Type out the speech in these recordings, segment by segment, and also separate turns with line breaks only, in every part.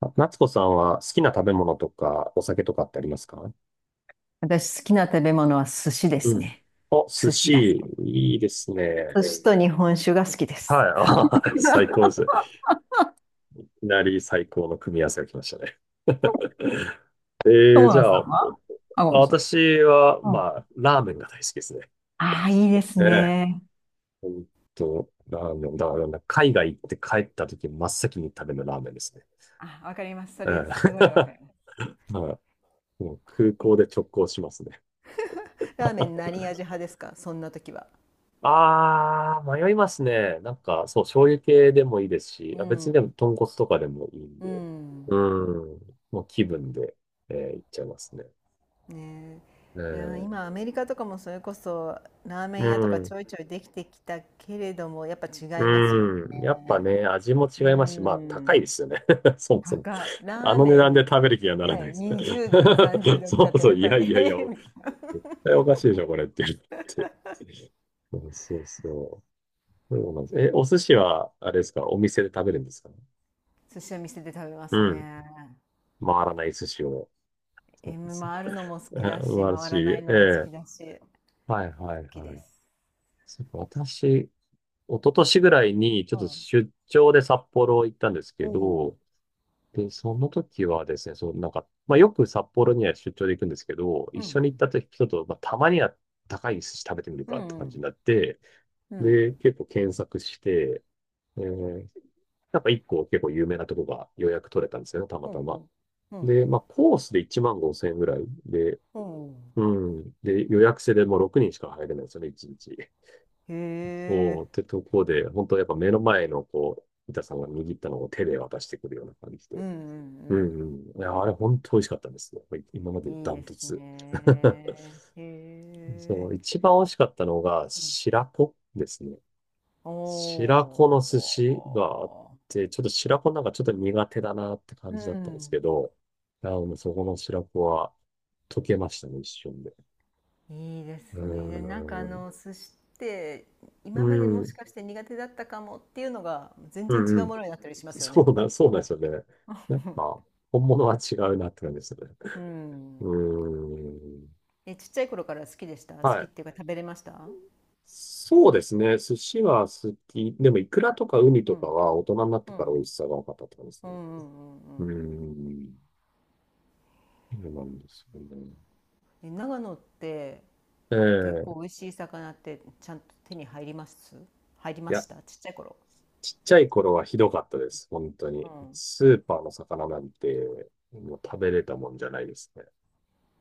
あ、夏子さんは好きな食べ物とかお酒とかってありますか？
私好きな食べ物は寿司で
う
す
ん。
ね。
お、寿
寿司が
司、
好き。
いいです
寿
ね。
司と日本酒が好きです。
はい、最高で す。いきなり最高の組み合わせが来ましたね。
友
じゃ
野
あ、
さん
お
は、あ、ごめんなさい。
私は、
うん。
まあ、ラーメンが大好きですね。
ああ、いいです
ええ、
ね。
ほんと、ラーメン。だから、海外行って帰った時、真っ先に食べるのラーメンですね。
あ、わかります。そ
ええ
れすごい わかります。
はい、もう空港で直行しますね。
ラーメン何味派ですか、そんな時は？
ああ、迷いますね。なんか、そう、醤油系でもいいですし、
う
あ、別にでも
ん。
豚骨とかでもいいん
う
で。
ん。
うん。もう気分で、いっちゃいますね。
ね
え
え。いやー、
ー、
今アメリカとかもそれこそラーメ
う
ン屋とかち
ん。
ょいちょいできてきたけれども、やっぱ違いますよ
うん。やっぱ
ね。
ね、味も違
う
いますし、まあ、高いで
ん。
すよね。そもそも。
高い。
あ
ラー
の値
メ
段で
ン
食べる気がならない
ね、
です。
20ドル、30 ドルとかっ
そ
て
う
言
そう、
われる
い
と、
やいやい
え
や、
えーみたいな。
絶対おかしいでしょ、これって言って。うん、そうそう。そうなんです。え、お寿司は、あれですか、お店で食べるんですかね？
寿司は店で食べま
う
す
ん。
ね。
回らない寿司を。す
回るのも好
え
きだ
素
し、
晴ら
回
し
ら
い。
な
え
いのも好
え。
きだし、好
はいはい
き
は
で
い。
す。
そうか、私、一昨年ぐらいにちょ
う
っと
ん。
出張で札幌行ったんです
お
け
お。
ど、で、その時はですね、そう、なんか、まあ、よく札幌には出張で行くんですけど、一
う
緒に行っ
ん
た時人と、まあ、たまには高い寿司食べてみる
う
かって感じに
ん。
なって、
うんうん。うん。
で、結構検索して、えーなんか一個結構有名なとこが予約取れたんですよね、たま
お
た
うお
ま。
う。うん。
で、まあ、コースで1万5千円ぐらいで、
おうおう。
うん。で、予約制でもう6人しか入れないんですよね、1日。
へ
そう、
え。
ってとこで、本当やっぱ目の前の、こう、板さんが握ったのを手で渡してくるような感じ
うん
で。
うん
うんうん。いや、あれ本当美味しかったんですよ。やっぱり
うんうん、うん、うおう、うん、うへえ、うんうんうん、
今まで
い
ダ
いで
ント
す
ツ。
ね。へ
そう、
え。
一番美味しかったのが、
うん
白子ですね。
お
白子の寿司があっ
お
て、ちょっと白子なんかちょっと苦手だなって感
う
じだったんです
ん。
けど、あの、そこの白子は溶けましたね、一瞬で。
いいで
うー
すね。でなんかあ
ん。
の寿司って
う
今までもし
ん。
かして苦手だったかもっていうのが全
う
然
ん
違
う
う
ん。
ものになったりしま すよ
そ
ね。
うだ、そうなんですよね。やっぱ、本物は違うなって感じですよね。
う
う
ん。
ーん。
え、ちっちゃい頃から好きでした？好
は
きっ
い。
ていうか食べれました？
そうですね。寿司は好き。でも、イクラとかウニ
う
とか
ん。
は大人になっ
う
て
ん。う
から美味
ん
しさが分かったって感じ
うんう
ですね。
んう
うー
ん。
ん。そうなんですよね。
え、長野って結構美
ええ、
味しい魚ってちゃんと手に入ります？入り
い
まし
や、
た、ちっちゃい頃？
ちっちゃい頃はひどかったです。本当
う
に。
ん。
スーパーの魚なんて、もう食べれたもんじゃないですね。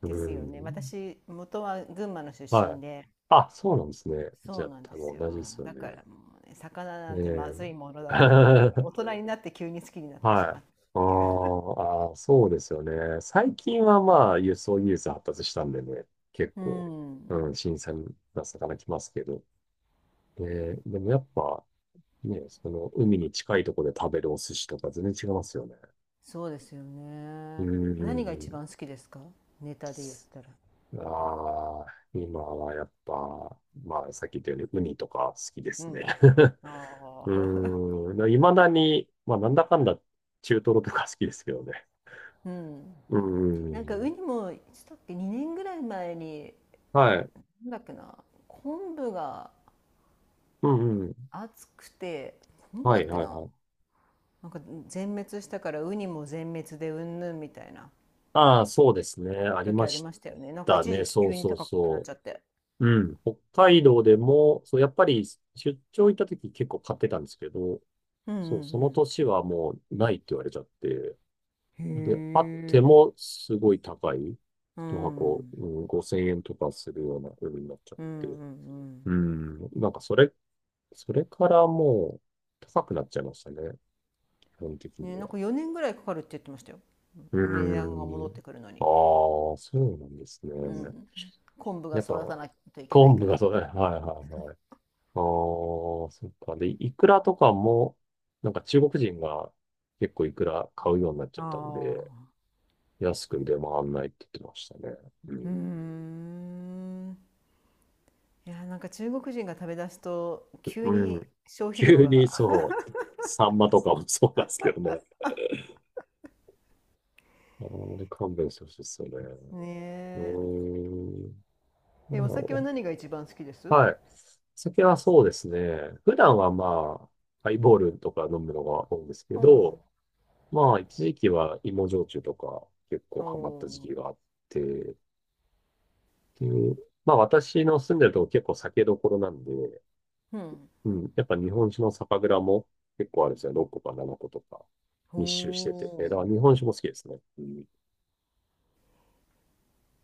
うー
ですよね。
ん。
私、元は群馬の出
は
身
い。
で、
あ、そうなんですね。じゃ
そう
あ、
なんで
多
す
分
よ。
同じですよ
だか
ね。
らもうね、魚
え
なんてまずいもの
え
だと思ってた
は
から、大
い。
人になって急に好きになってしま
あ
ったっ
ー
ていう。
あー、そうですよね。最近はまあ、輸送技術発達したんでね、結
う
構、
ん。
うん、新鮮な魚来ますけど。で、でもやっぱ、ね、その、海に近いところで食べるお寿司とか全然違いますよね。
そうですよ
うー
ね。何が一
ん。
番好きですか、ネタで言ったら？
ああ、今はやっぱ、まあ、さっき言ったように、ウニとか好きで
う
すね。
ん。
う
ああ。
ーん。いまだに、まあ、なんだかんだ、中トロとか好きですけどね。
うん。
うー
なんかウ
ん。
ニも、いつだっけ、2年ぐらい前に、
はい。
なんだっけな、昆布が
うんうん。
熱くて、昆布
は
だ
い
っけ
はい
な、
はい。
なんか全滅したからウニも全滅でうんぬんみたいな
ああ、そうですね。あり
時
ま
あり
し
ましたよね。なんか
た
一
ね。
時期
そう
急に
そう
高くなっ
そ
ちゃって。
う。うん。北海道でも、そう、やっぱり出張行った時結構買ってたんですけど、
うんう
そう、その
ん
年はもうないって言われちゃって、
うん
で、あっ
へ
て
え。
もすごい高い。
う
一箱、
ん。
うん、5000円とかするような風になっちゃっ
うん
て。
うんうん
うん。なんかそれ、からもう高くなっちゃいましたね。基本的
うん、
に
ね、なん
は。
か4年ぐらいかかるって言ってましたよ。
う
値段が
ー
戻って
ん。
くるの
あ
に。
あ、そうなんですね。
うん。昆布が
やっぱ、
育たないといけない
昆
か
布が
ら。
そう、はいはいはい。ああ、そっか。で、イクラとかも、なんか中国人が結構イクラ買うようになっち
あ
ゃったんで、
あ。
安く出回んないって言ってましたね。う
うー
ん。
ん。いや、なんか中国人が食べ出すと急
う
に
ん。
消費量
急に
が。
そう、サンマとかもそうなんですけどね。あんまり勘弁してほしいですよね。う
ね
ーん。ま
え。え、お酒は
あ、
何が一番好きです？
はい。酒はそうですね。普段はまあ、ハイボールとか飲むのが多いんですけ
お
ど、
お。
まあ、一時期は芋焼酎とか結構
お
ハマった時
お。
期があって、っていう、まあ私の住んでるとこ結構酒どころなんで、
うん。
うん、やっぱ日本酒の酒蔵も結構あるんですよ。6個か7個とか
お
密集してて。だ
お。
から日本酒も好きですね。うん、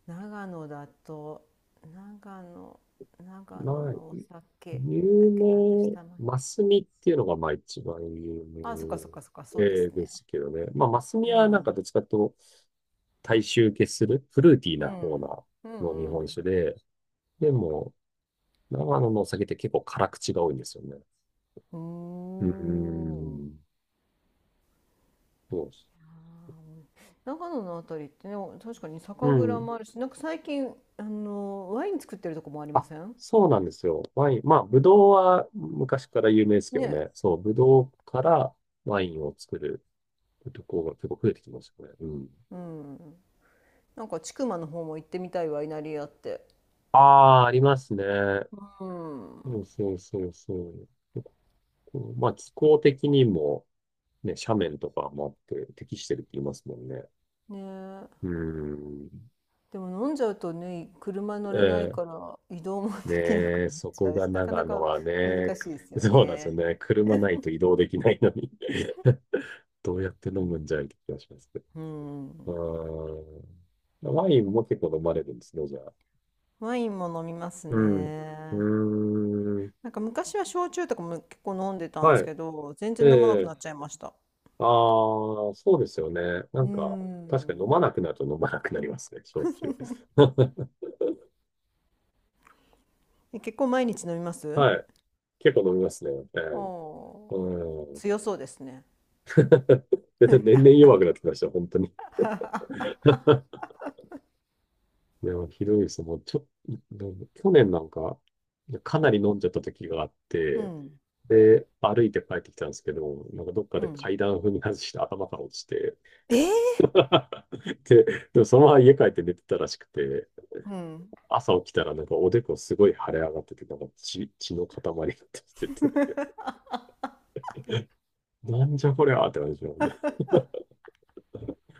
長野だと、長野、長野
な
のお酒、なんだっ
有
けな、私
名、
たまに。
マスミっていうのがまあ一番有
あ、そっかそっかそっか、そ
名
うです
で
ね。
すけどね。まあマスミ
う
はなん
ん。
かどっちかというと大衆受けするフルーティー
う
な方な
ん。う
の日
んう
本
ん。
酒で、でも長野のお酒って結構辛口が多いんですよね。
うー
うー
ん。
ん、そうです。
あー長野のあたりってね、確かに酒
う
蔵
ん。
もあるし、なんか最近、ワイン作ってるとこもありま
あ、
せん
そうなんですよ。ワイン、まあブドウは昔から有名ですけど
ね。
ね。そう、ブドウからワインを作るところが結構増えてきましたね。うん。
うん。なんか、千曲の方も行ってみたいワイナリーあって。
ああ、ありますね。
う
そう
ん。
そうそうそう。このまあ気候的にもね、斜面とかもあって適してるって言いますもんね。
ねえ。
うーん。
でも飲んじゃうとね、車乗れない
ええ、
から移動もできなく
ねえ、
なっ
そ
ちゃ
こ
う
が
し、なか
長
な
野
か
は
難
ね、
しいです よ
そうなんですよ
ね。
ね。車ないと移動できないのに どうやって飲むんじゃいって気がしますけ
うん。
ど。うーん。ワインも結構飲まれるんですね、じゃあ。
ワインも飲みます
うん。う
ね。
ーん。
なんか昔は焼酎とかも結構飲んでたんです
は
けど、全
い。
然飲まなく
ええ、
なっちゃいました。
ああ、そうですよね。な
う
んか、確かに飲
ん。
まなくなると飲まなくなりますね、焼酎。
え、 結構毎日飲みます？
はい。結構飲みますね。ええ、
おー、
うん。
強そうですね。
でで年々弱くなってきました、本当に。いや、ひどいです。もう、ちょ、去年なんか、かなり飲んじゃった時があっ
う
て、
ん。
で、歩いて帰ってきたんですけど、なんかどっか
う
で
ん。
階段踏み外して頭から落ちて、
えー
で、でもそのまま家帰って寝てたらしくて、
うん。
朝起きたらなんかおでこすごい腫れ上がってて、なんか血、血の塊が出ててて、なんじゃこりゃーって感じなんだ。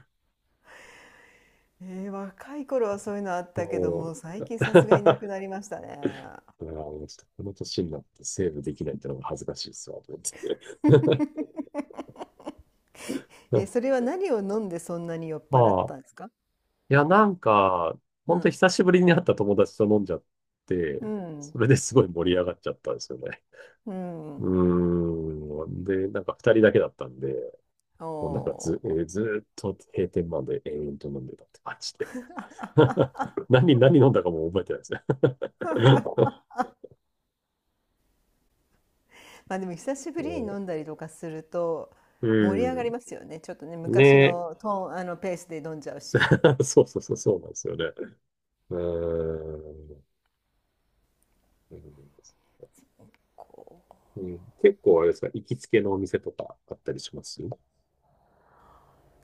若い頃はそういうのあったけど、
も
もう
う、
最 近さ
だ
すがにな
か
くなりましたね。
らもうちょっとこの年になってセーブできないってのが恥ずかしいっすわ、と思って。
え、そ れは何を飲んでそんなに酔っ払っ
まあ、
たんですか？
いや、なんか、
う
本当
ん。
久しぶりに会った友達と飲んじゃって、
うん。
それですごい盛り上がっちゃったんですよね。
うん。
うーん。で、なんか二人だけだったんで、
お
もうなんかず、
お。
ずーっと閉店まで延々と飲んでたって感じで。何、何飲んだかも覚えてないですね。
まあでも久し
う
ぶりに
ん。
飲んだりとかすると
う
盛り上がりますよね。ちょっとね、
ん、
昔
ね
のトーン、あのペースで飲んじゃうし。
え そうそうそう、そうなんですよね。うーん。うん
こう
うん、結構あれですか、行きつけのお店とかあったりします？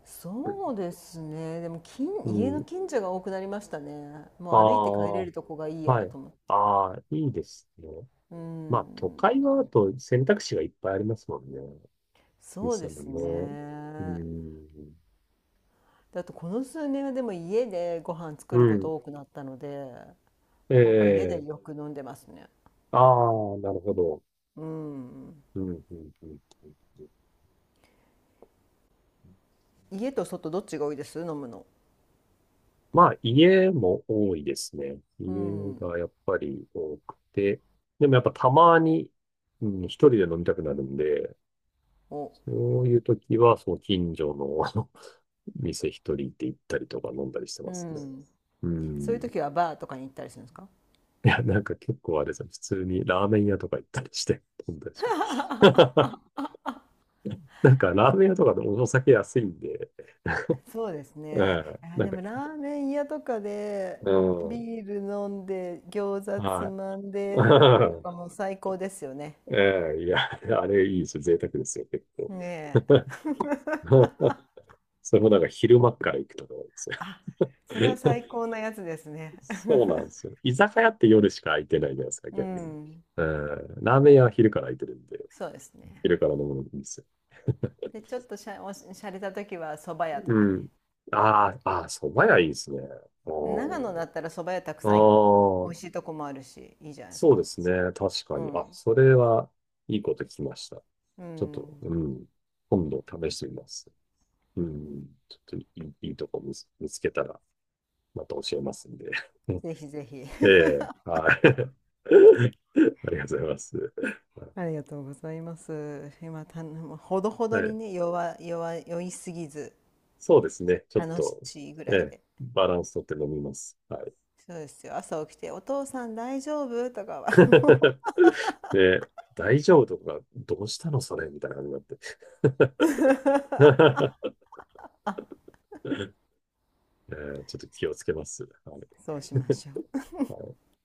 そうですね。でも
う
家の
ん。
近所が多くなりましたね。
あ
もう歩いて帰
あ、
れるとこがいいや
はい。
と思って。
ああ、いいですね。
う
まあ、都会はあ
ん。
と選択肢がいっぱいありますもんね。
そうで
店
す
もね。う
ね。
ん。
だとこの数年はでも家でご飯
う
作るこ
ん。
と多くなったので、なんか家で
ええ、
よく飲んでますね。
ああ、なるほど。
うん。
うん、うん、うん。うん、
家と外、どっちが多いです、飲むの？
まあ、家も多いですね。
う
家
ん。
がやっぱり多くて、でもやっぱたまに、うん、一人で飲みたくなるんで、
お、
そういう時は、その近所の あの店一人で行ったりとか飲んだりして
う
ますね。
ん。
う
そういう
ん。
時はバーとかに行ったりするんですか？
いや、なんか結構あれですよ。普通にラーメン屋とか行ったりして飲んだりします。なんかラーメン屋とかでもお酒安いんで、
そうです
う
ね。
ん、
いや、
なん
で
か、
もラーメン屋とかで
うん、
ビール飲んで餃子つ
はい。
まんでと かも最高ですよね。
ええ、いや、あれいいですよ。贅沢ですよ、結構。
ねえ。
それもなんか昼間から行くとか多いですよ。
あ、それは最 高なやつですね。
そうなんで すよ。居酒屋って夜しか空いてないじゃないですか、
う
逆に。
ん。
うん、ラーメン屋は昼から空いてるんで、
そうですね。
昼から飲むのもいいんですよ。
で、ちょっとしゃれた時は蕎麦屋と
う
かね。
ん。ああ、ああ、蕎麦屋いいですね。
長野だったら蕎麦屋たく
あ
さん美
あ、
味しいとこもあるし、いいじゃないです
そうで
か。
すね。確か
う
に。あ、
ん。
それはいいこと聞きました。
う
ちょっと、
ん。
うん。今度試してみます。うん。ちょっといい、いいとこ見つ、見つけたらまた教えますんで。
ぜひぜひ。
ええ、はい。ありがとうございます。
ありがとうございます。今、ほどほ
は
どに
い。
ね、酔いすぎず、
そうですね。ちょっ
楽
と、
しいぐ
え
らい
え、
で。
バランスとって飲みます。はい。
そうですよ。朝起きて、お父さん大丈夫とかは。
で、大丈夫とか、どうしたのそれみたいな感じになって。ええ、ちょっと気をつけます。はい。
そうしましょう。
はい。